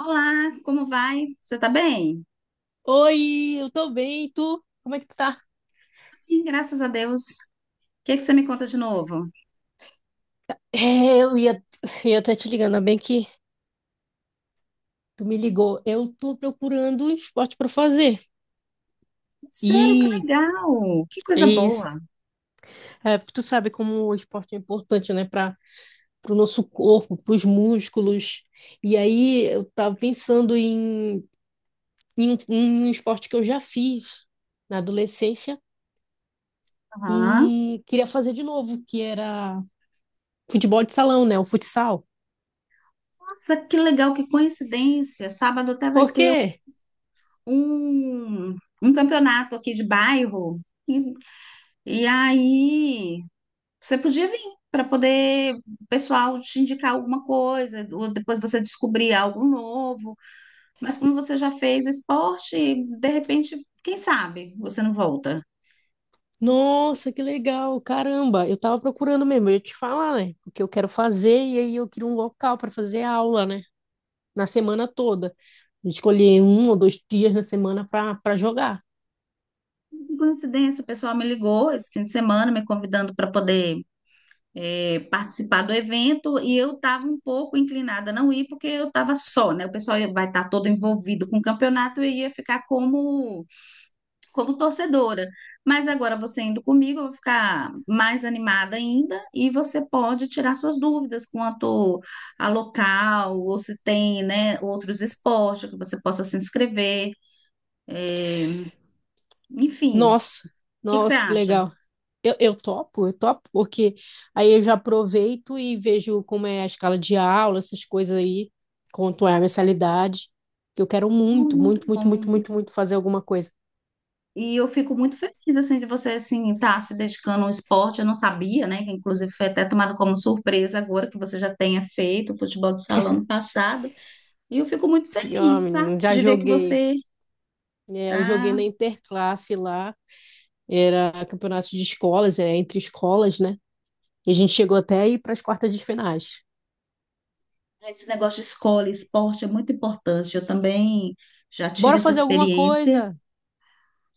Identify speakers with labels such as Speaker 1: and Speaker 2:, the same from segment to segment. Speaker 1: Olá, como vai? Você tá bem?
Speaker 2: Oi, eu tô bem, e tu? Como é que tu tá?
Speaker 1: Sim, graças a Deus. O que é que você me conta de novo?
Speaker 2: É, eu ia, ia até te ligando, ainda bem que tu me ligou. Eu tô procurando um esporte pra fazer.
Speaker 1: Sério, que
Speaker 2: E
Speaker 1: legal! Que
Speaker 2: é
Speaker 1: coisa
Speaker 2: isso.
Speaker 1: boa!
Speaker 2: É, porque tu sabe como o esporte é importante, né, para pro nosso corpo, pros músculos. E aí eu tava em um esporte que eu já fiz na adolescência
Speaker 1: Aham.
Speaker 2: e queria fazer de novo, que era futebol de salão, né, o futsal.
Speaker 1: Nossa, que legal, que coincidência! Sábado até vai
Speaker 2: Por
Speaker 1: ter
Speaker 2: quê?
Speaker 1: um, um campeonato aqui de bairro. E, e aí, você podia vir para poder o pessoal te indicar alguma coisa, ou depois você descobrir algo novo. Mas como você já fez o esporte, de repente, quem sabe você não volta.
Speaker 2: Nossa, que legal! Caramba, eu tava procurando mesmo, eu ia te falar, né? O que eu quero fazer, e aí eu queria um local para fazer aula, né? Na semana toda. Escolher um ou dois dias na semana para jogar.
Speaker 1: Por coincidência, o pessoal me ligou esse fim de semana, me convidando para poder participar do evento, e eu estava um pouco inclinada a não ir, porque eu estava só, né? O pessoal vai estar todo envolvido com o campeonato e eu ia ficar como torcedora. Mas agora você indo comigo, eu vou ficar mais animada ainda, e você pode tirar suas dúvidas quanto a local, ou se tem, né, outros esportes que você possa se inscrever, eh, enfim. O
Speaker 2: Nossa,
Speaker 1: que que você
Speaker 2: nossa, que
Speaker 1: acha?
Speaker 2: legal. Eu topo, eu topo, porque aí eu já aproveito e vejo como é a escala de aula, essas coisas aí, quanto é a mensalidade. Que eu quero
Speaker 1: Ah,
Speaker 2: muito,
Speaker 1: muito
Speaker 2: muito, muito, muito,
Speaker 1: bom.
Speaker 2: muito, muito fazer alguma coisa.
Speaker 1: E eu fico muito feliz assim de você assim estar se dedicando ao esporte. Eu não sabia, né? Que inclusive foi até tomado como surpresa agora que você já tenha feito o futebol de salão no passado. E eu fico muito
Speaker 2: E, ó,
Speaker 1: feliz, sabe?
Speaker 2: menino, já
Speaker 1: De ver que
Speaker 2: joguei.
Speaker 1: você
Speaker 2: É, eu joguei na
Speaker 1: tá.
Speaker 2: interclasse lá. Era campeonato de escolas, é entre escolas, né? E a gente chegou até a ir para as quartas de finais.
Speaker 1: Tá, esse negócio de escola e esporte é muito importante. Eu também já
Speaker 2: Bora
Speaker 1: tive essa
Speaker 2: fazer alguma
Speaker 1: experiência.
Speaker 2: coisa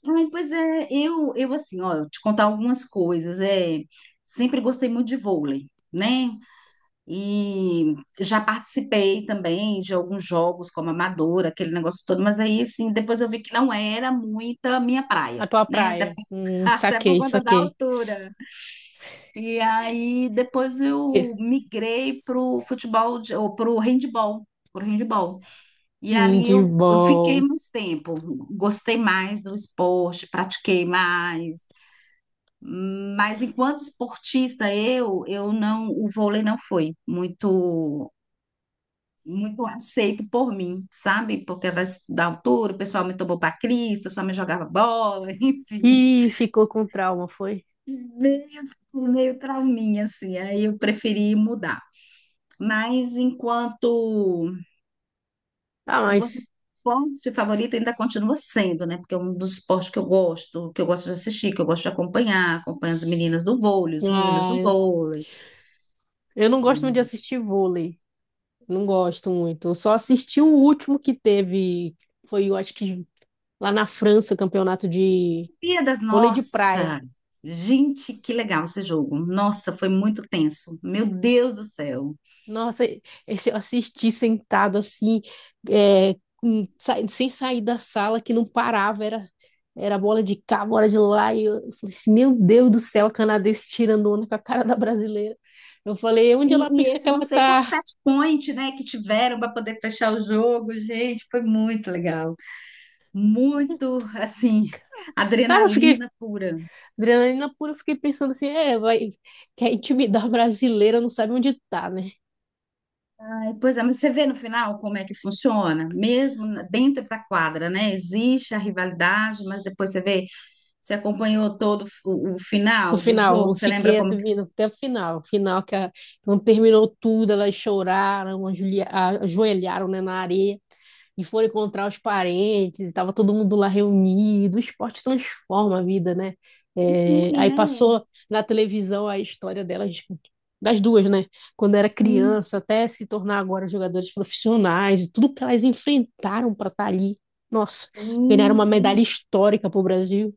Speaker 1: Ai, pois é, eu assim, ó, eu te contar algumas coisas. É, sempre gostei muito de vôlei, né? E já participei também de alguns jogos como amadora, aquele negócio todo, mas aí sim, depois eu vi que não era muita minha
Speaker 2: na
Speaker 1: praia,
Speaker 2: tua
Speaker 1: né? Até,
Speaker 2: praia.
Speaker 1: até por
Speaker 2: Saquei,
Speaker 1: conta da
Speaker 2: saquei.
Speaker 1: altura. E aí depois eu migrei pro futebol de, ou pro handball. E ali eu fiquei
Speaker 2: Handball.
Speaker 1: mais tempo, gostei mais do esporte, pratiquei mais. Mas enquanto esportista eu não, o vôlei não foi muito muito aceito por mim, sabe? Porque da altura o pessoal me tomou para Cristo, só me jogava bola, enfim.
Speaker 2: Ih, ficou com trauma, foi?
Speaker 1: Meio, meio trauminha, assim. Aí eu preferi mudar. Mas enquanto,
Speaker 2: Ah,
Speaker 1: enquanto
Speaker 2: mas.
Speaker 1: esporte favorito ainda continua sendo, né? Porque é um dos esportes que eu gosto de assistir, que eu gosto de acompanhar. Acompanho as meninas do vôlei, os meninos
Speaker 2: Ah,
Speaker 1: do vôlei.
Speaker 2: eu não gosto muito de assistir vôlei. Não gosto muito. Eu só assisti o último que teve. Foi, eu acho que lá na França, o campeonato de
Speaker 1: Olimpíadas,
Speaker 2: vôlei de praia.
Speaker 1: nossa! Gente, que legal esse jogo. Nossa, foi muito tenso. Meu Deus do céu.
Speaker 2: Nossa, eu assisti sentado assim, sem sair da sala, que não parava, era bola de cá, bola de lá, e eu falei assim, meu Deus do céu, a canadense tirando onda com a cara da brasileira. Eu falei, onde
Speaker 1: E,
Speaker 2: ela
Speaker 1: e
Speaker 2: pensa que
Speaker 1: esse
Speaker 2: ela
Speaker 1: não sei
Speaker 2: tá?
Speaker 1: quantos set point, né, que tiveram para poder fechar o jogo, gente, foi muito legal. Muito, assim,
Speaker 2: Cara, eu fiquei,
Speaker 1: adrenalina pura.
Speaker 2: adrenalina pura, eu fiquei pensando assim, é, vai, quer intimidar a brasileira, não sabe onde tá, né?
Speaker 1: Aí, pois é, mas você vê no final como é que funciona, mesmo dentro da quadra, né? Existe a rivalidade, mas depois você vê, você acompanhou todo o
Speaker 2: O
Speaker 1: final do
Speaker 2: final,
Speaker 1: jogo,
Speaker 2: eu
Speaker 1: você lembra
Speaker 2: fiquei
Speaker 1: como que
Speaker 2: atendendo até o final quando terminou tudo, elas choraram, ajoelharam, né, na areia. E foram encontrar os parentes, e tava todo mundo lá reunido. O esporte transforma a vida, né? É,
Speaker 1: une,
Speaker 2: aí
Speaker 1: né?
Speaker 2: passou na televisão a história delas, das duas, né? Quando era
Speaker 1: Sim,
Speaker 2: criança, até se tornar agora jogadoras profissionais, tudo que elas enfrentaram para estar ali. Nossa, ganharam
Speaker 1: sim,
Speaker 2: uma
Speaker 1: sim.
Speaker 2: medalha histórica para o Brasil.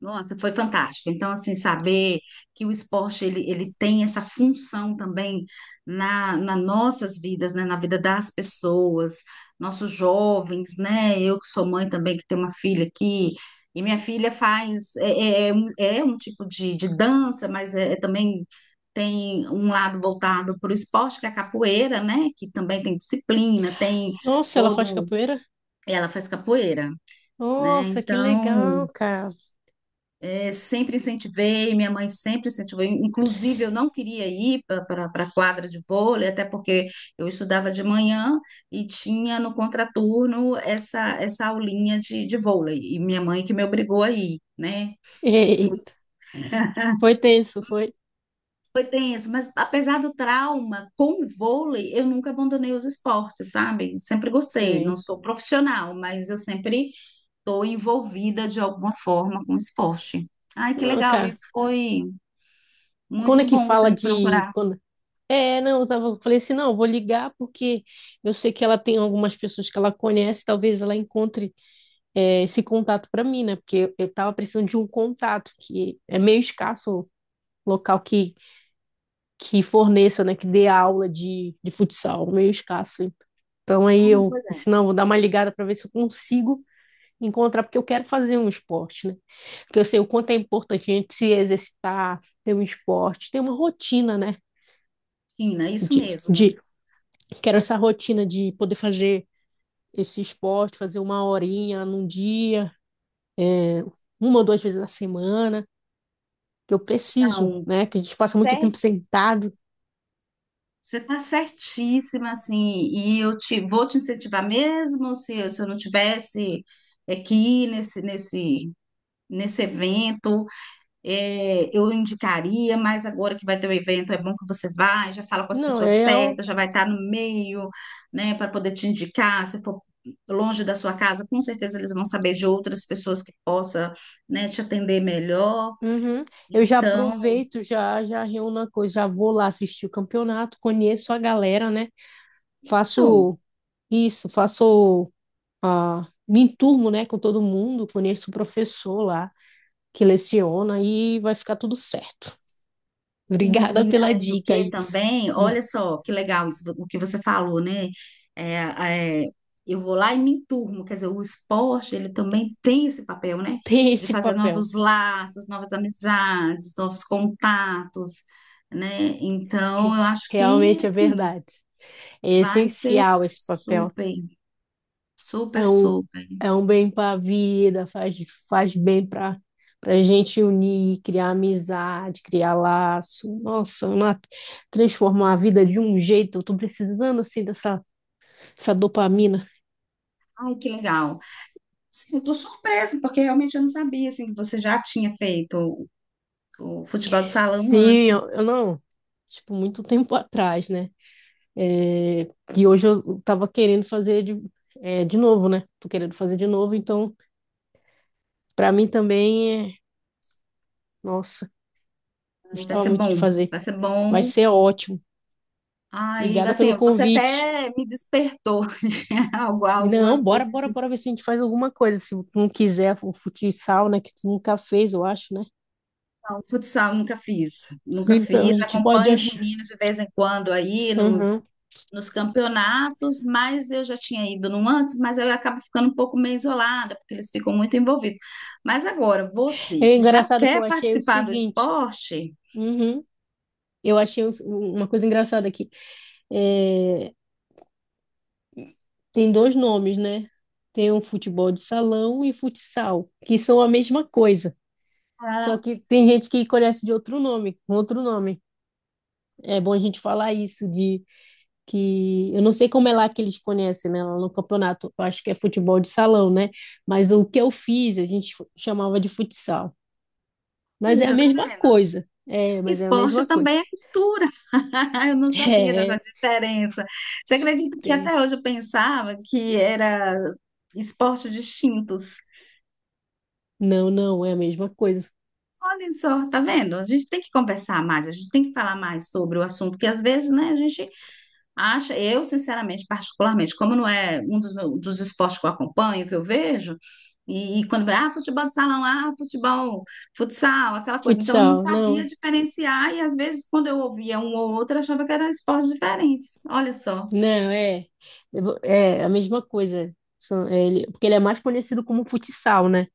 Speaker 1: Nossa, foi fantástico. Então, assim, saber que o esporte ele tem essa função também na nossas vidas, né? Na vida das pessoas, nossos jovens, né? Eu que sou mãe também, que tenho uma filha aqui, e minha filha faz, é um tipo de dança, mas é também tem um lado voltado para o esporte, que é a capoeira, né? Que também tem disciplina, tem
Speaker 2: Nossa, ela faz
Speaker 1: todo,
Speaker 2: capoeira?
Speaker 1: ela faz capoeira, né?
Speaker 2: Nossa, que
Speaker 1: Então
Speaker 2: legal, cara.
Speaker 1: é, sempre incentivei, minha mãe sempre incentivou. Inclusive, eu não queria ir para a quadra de vôlei, até porque eu estudava de manhã e tinha no contraturno essa aulinha de vôlei. E minha mãe que me obrigou a ir, né? Foi,
Speaker 2: Eita, foi tenso, foi.
Speaker 1: foi tenso, mas apesar do trauma com o vôlei, eu nunca abandonei os esportes, sabe? Sempre gostei. Não
Speaker 2: Sim.
Speaker 1: sou profissional, mas eu sempre estou envolvida de alguma forma com esporte. Ai, que
Speaker 2: Não,
Speaker 1: legal! E
Speaker 2: cara.
Speaker 1: foi.
Speaker 2: Quando é
Speaker 1: Muito
Speaker 2: que
Speaker 1: bom você
Speaker 2: fala
Speaker 1: me
Speaker 2: de
Speaker 1: procurar.
Speaker 2: quando é, não, eu tava, eu falei assim, não, eu vou ligar porque eu sei que ela tem algumas pessoas que ela conhece, talvez ela encontre é, esse contato para mim, né? Porque eu tava precisando de um contato que é meio escasso, o local que forneça, né, que dê aula de futsal, meio escasso. Então
Speaker 1: Ah,
Speaker 2: aí
Speaker 1: não,
Speaker 2: eu,
Speaker 1: pois é,
Speaker 2: se não, vou dar uma ligada para ver se eu consigo encontrar porque eu quero fazer um esporte, né? Porque eu sei o quanto é importante a gente se exercitar, ter um esporte, ter uma rotina, né?
Speaker 1: China, isso
Speaker 2: De,
Speaker 1: mesmo.
Speaker 2: de Quero essa rotina de poder fazer esse esporte, fazer uma horinha num dia, é, uma ou duas vezes na semana, que eu preciso,
Speaker 1: Não,
Speaker 2: né? Que a gente passa muito
Speaker 1: pé,
Speaker 2: tempo sentado.
Speaker 1: você está certíssima, assim, e eu te, vou te incentivar mesmo se, se eu não tivesse aqui nesse evento, é, eu indicaria, mas agora que vai ter o evento, é bom que você vai, já fala com as
Speaker 2: Não,
Speaker 1: pessoas
Speaker 2: eu.
Speaker 1: certas, já vai estar no meio, né, para poder te indicar, se for longe da sua casa, com certeza eles vão saber de outras pessoas que possa, né, te atender melhor.
Speaker 2: Uhum. Eu já
Speaker 1: Então,
Speaker 2: aproveito, já já reúno a coisa, já vou lá assistir o campeonato, conheço a galera, né?
Speaker 1: isso.
Speaker 2: Faço isso, faço a me enturmo, né, com todo mundo, conheço o professor lá que leciona e vai ficar tudo certo. Obrigada
Speaker 1: E, e
Speaker 2: pela
Speaker 1: além do
Speaker 2: dica
Speaker 1: que
Speaker 2: aí.
Speaker 1: também, olha só que legal isso, o que você falou, né? É, é, eu vou lá e me enturmo, quer dizer, o esporte ele também tem esse papel, né?
Speaker 2: Tem
Speaker 1: De
Speaker 2: esse
Speaker 1: fazer
Speaker 2: papel.
Speaker 1: novos laços, novas amizades, novos contatos, né? Então, eu acho que
Speaker 2: Realmente é
Speaker 1: assim
Speaker 2: verdade. É
Speaker 1: vai ser
Speaker 2: essencial esse papel.
Speaker 1: super, super,
Speaker 2: É um,
Speaker 1: super.
Speaker 2: é um bem para a vida, faz bem para a gente unir, criar amizade, criar laço. Transformar a vida de um jeito. Eu tô precisando assim dessa essa dopamina.
Speaker 1: Ai, que legal. Sim, eu tô surpresa, porque realmente eu não sabia assim, que você já tinha feito o futebol de salão
Speaker 2: Sim,
Speaker 1: antes.
Speaker 2: eu não, tipo, muito tempo atrás, né? É, e hoje eu tava querendo é, de novo, né? Tô querendo fazer de novo, então para mim também é, nossa.
Speaker 1: Aí, vai
Speaker 2: Gostava
Speaker 1: ser
Speaker 2: muito de
Speaker 1: bom,
Speaker 2: fazer.
Speaker 1: vai ser
Speaker 2: Vai
Speaker 1: bom.
Speaker 2: ser ótimo.
Speaker 1: Aí,
Speaker 2: Obrigada
Speaker 1: assim,
Speaker 2: pelo
Speaker 1: você
Speaker 2: convite.
Speaker 1: até me despertou algo,
Speaker 2: Não,
Speaker 1: alguma
Speaker 2: bora,
Speaker 1: coisa.
Speaker 2: bora, bora ver se a gente faz alguma coisa. Se tu não quiser o futsal, né? Que tu nunca fez, eu acho, né?
Speaker 1: Não, futsal nunca fiz, nunca
Speaker 2: Então, a
Speaker 1: fiz.
Speaker 2: gente pode
Speaker 1: Acompanho os
Speaker 2: achar.
Speaker 1: meninos de vez em quando aí nos,
Speaker 2: Uhum.
Speaker 1: nos campeonatos, mas eu já tinha ido num antes, mas aí eu acabo ficando um pouco meio isolada, porque eles ficam muito envolvidos. Mas agora, você
Speaker 2: É
Speaker 1: que já
Speaker 2: engraçado que
Speaker 1: quer
Speaker 2: eu achei o
Speaker 1: participar do
Speaker 2: seguinte.
Speaker 1: esporte,
Speaker 2: Uhum. Eu uma coisa engraçada aqui. É, tem dois nomes, né? Tem o futebol de salão e futsal, que são a mesma coisa. Só
Speaker 1: ah,
Speaker 2: que tem gente que conhece de outro nome, com outro nome. É bom a gente falar isso de que eu não sei como é lá que eles conhecem, né, lá no campeonato, eu acho que é futebol de salão, né? Mas o que eu fiz, a gente chamava de futsal. Mas é a
Speaker 1: Isa, tá
Speaker 2: mesma
Speaker 1: vendo?
Speaker 2: coisa. É, mas é a
Speaker 1: Esporte
Speaker 2: mesma coisa.
Speaker 1: também é cultura. Eu não sabia dessa
Speaker 2: É,
Speaker 1: diferença. Você acredita que
Speaker 2: tem.
Speaker 1: até hoje eu pensava que era esportes distintos?
Speaker 2: Não, não, é a mesma coisa.
Speaker 1: Olha só, tá vendo? A gente tem que conversar mais, a gente tem que falar mais sobre o assunto, porque às vezes, né, a gente acha, eu, sinceramente, particularmente, como não é um dos, dos esportes que eu acompanho, que eu vejo, e quando vai, ah, futebol de salão, ah, futebol, futsal, aquela coisa. Então, eu não
Speaker 2: Futsal,
Speaker 1: sabia diferenciar, e às vezes, quando eu ouvia um ou outro, eu achava que eram esportes diferentes. Olha só.
Speaker 2: não, é. É a mesma coisa. Porque ele é mais conhecido como futsal, né?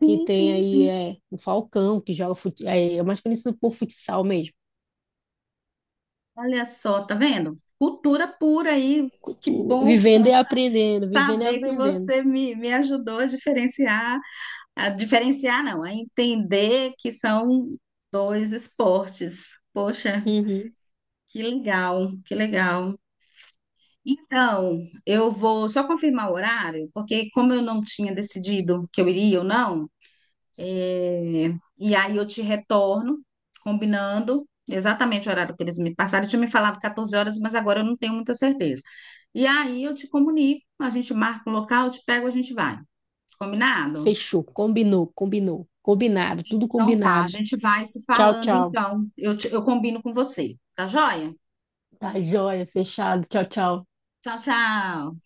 Speaker 2: Que tem
Speaker 1: sim,
Speaker 2: aí
Speaker 1: sim.
Speaker 2: é, o Falcão, que joga futsal. É, é mais conhecido por futsal mesmo.
Speaker 1: Olha só, tá vendo? Cultura pura aí. Que
Speaker 2: Cultura.
Speaker 1: bom
Speaker 2: Vivendo e aprendendo, vivendo e
Speaker 1: saber que
Speaker 2: aprendendo.
Speaker 1: você me ajudou a diferenciar não, a entender que são dois esportes. Poxa.
Speaker 2: Uhum.
Speaker 1: Que legal, que legal. Então, eu vou só confirmar o horário, porque como eu não tinha decidido que eu iria ou não, é, e aí eu te retorno, combinando exatamente o horário que eles me passaram. Eu tinha me falado 14 horas, mas agora eu não tenho muita certeza. E aí eu te comunico, a gente marca o local, eu te pego, a gente vai. Combinado?
Speaker 2: Fechou, combinou, combinou, combinado, tudo
Speaker 1: Então tá, a
Speaker 2: combinado.
Speaker 1: gente vai se
Speaker 2: Tchau,
Speaker 1: falando
Speaker 2: tchau.
Speaker 1: então. Eu combino com você, tá joia?
Speaker 2: Tá joia, fechado. Tchau, tchau.
Speaker 1: Tchau, tchau.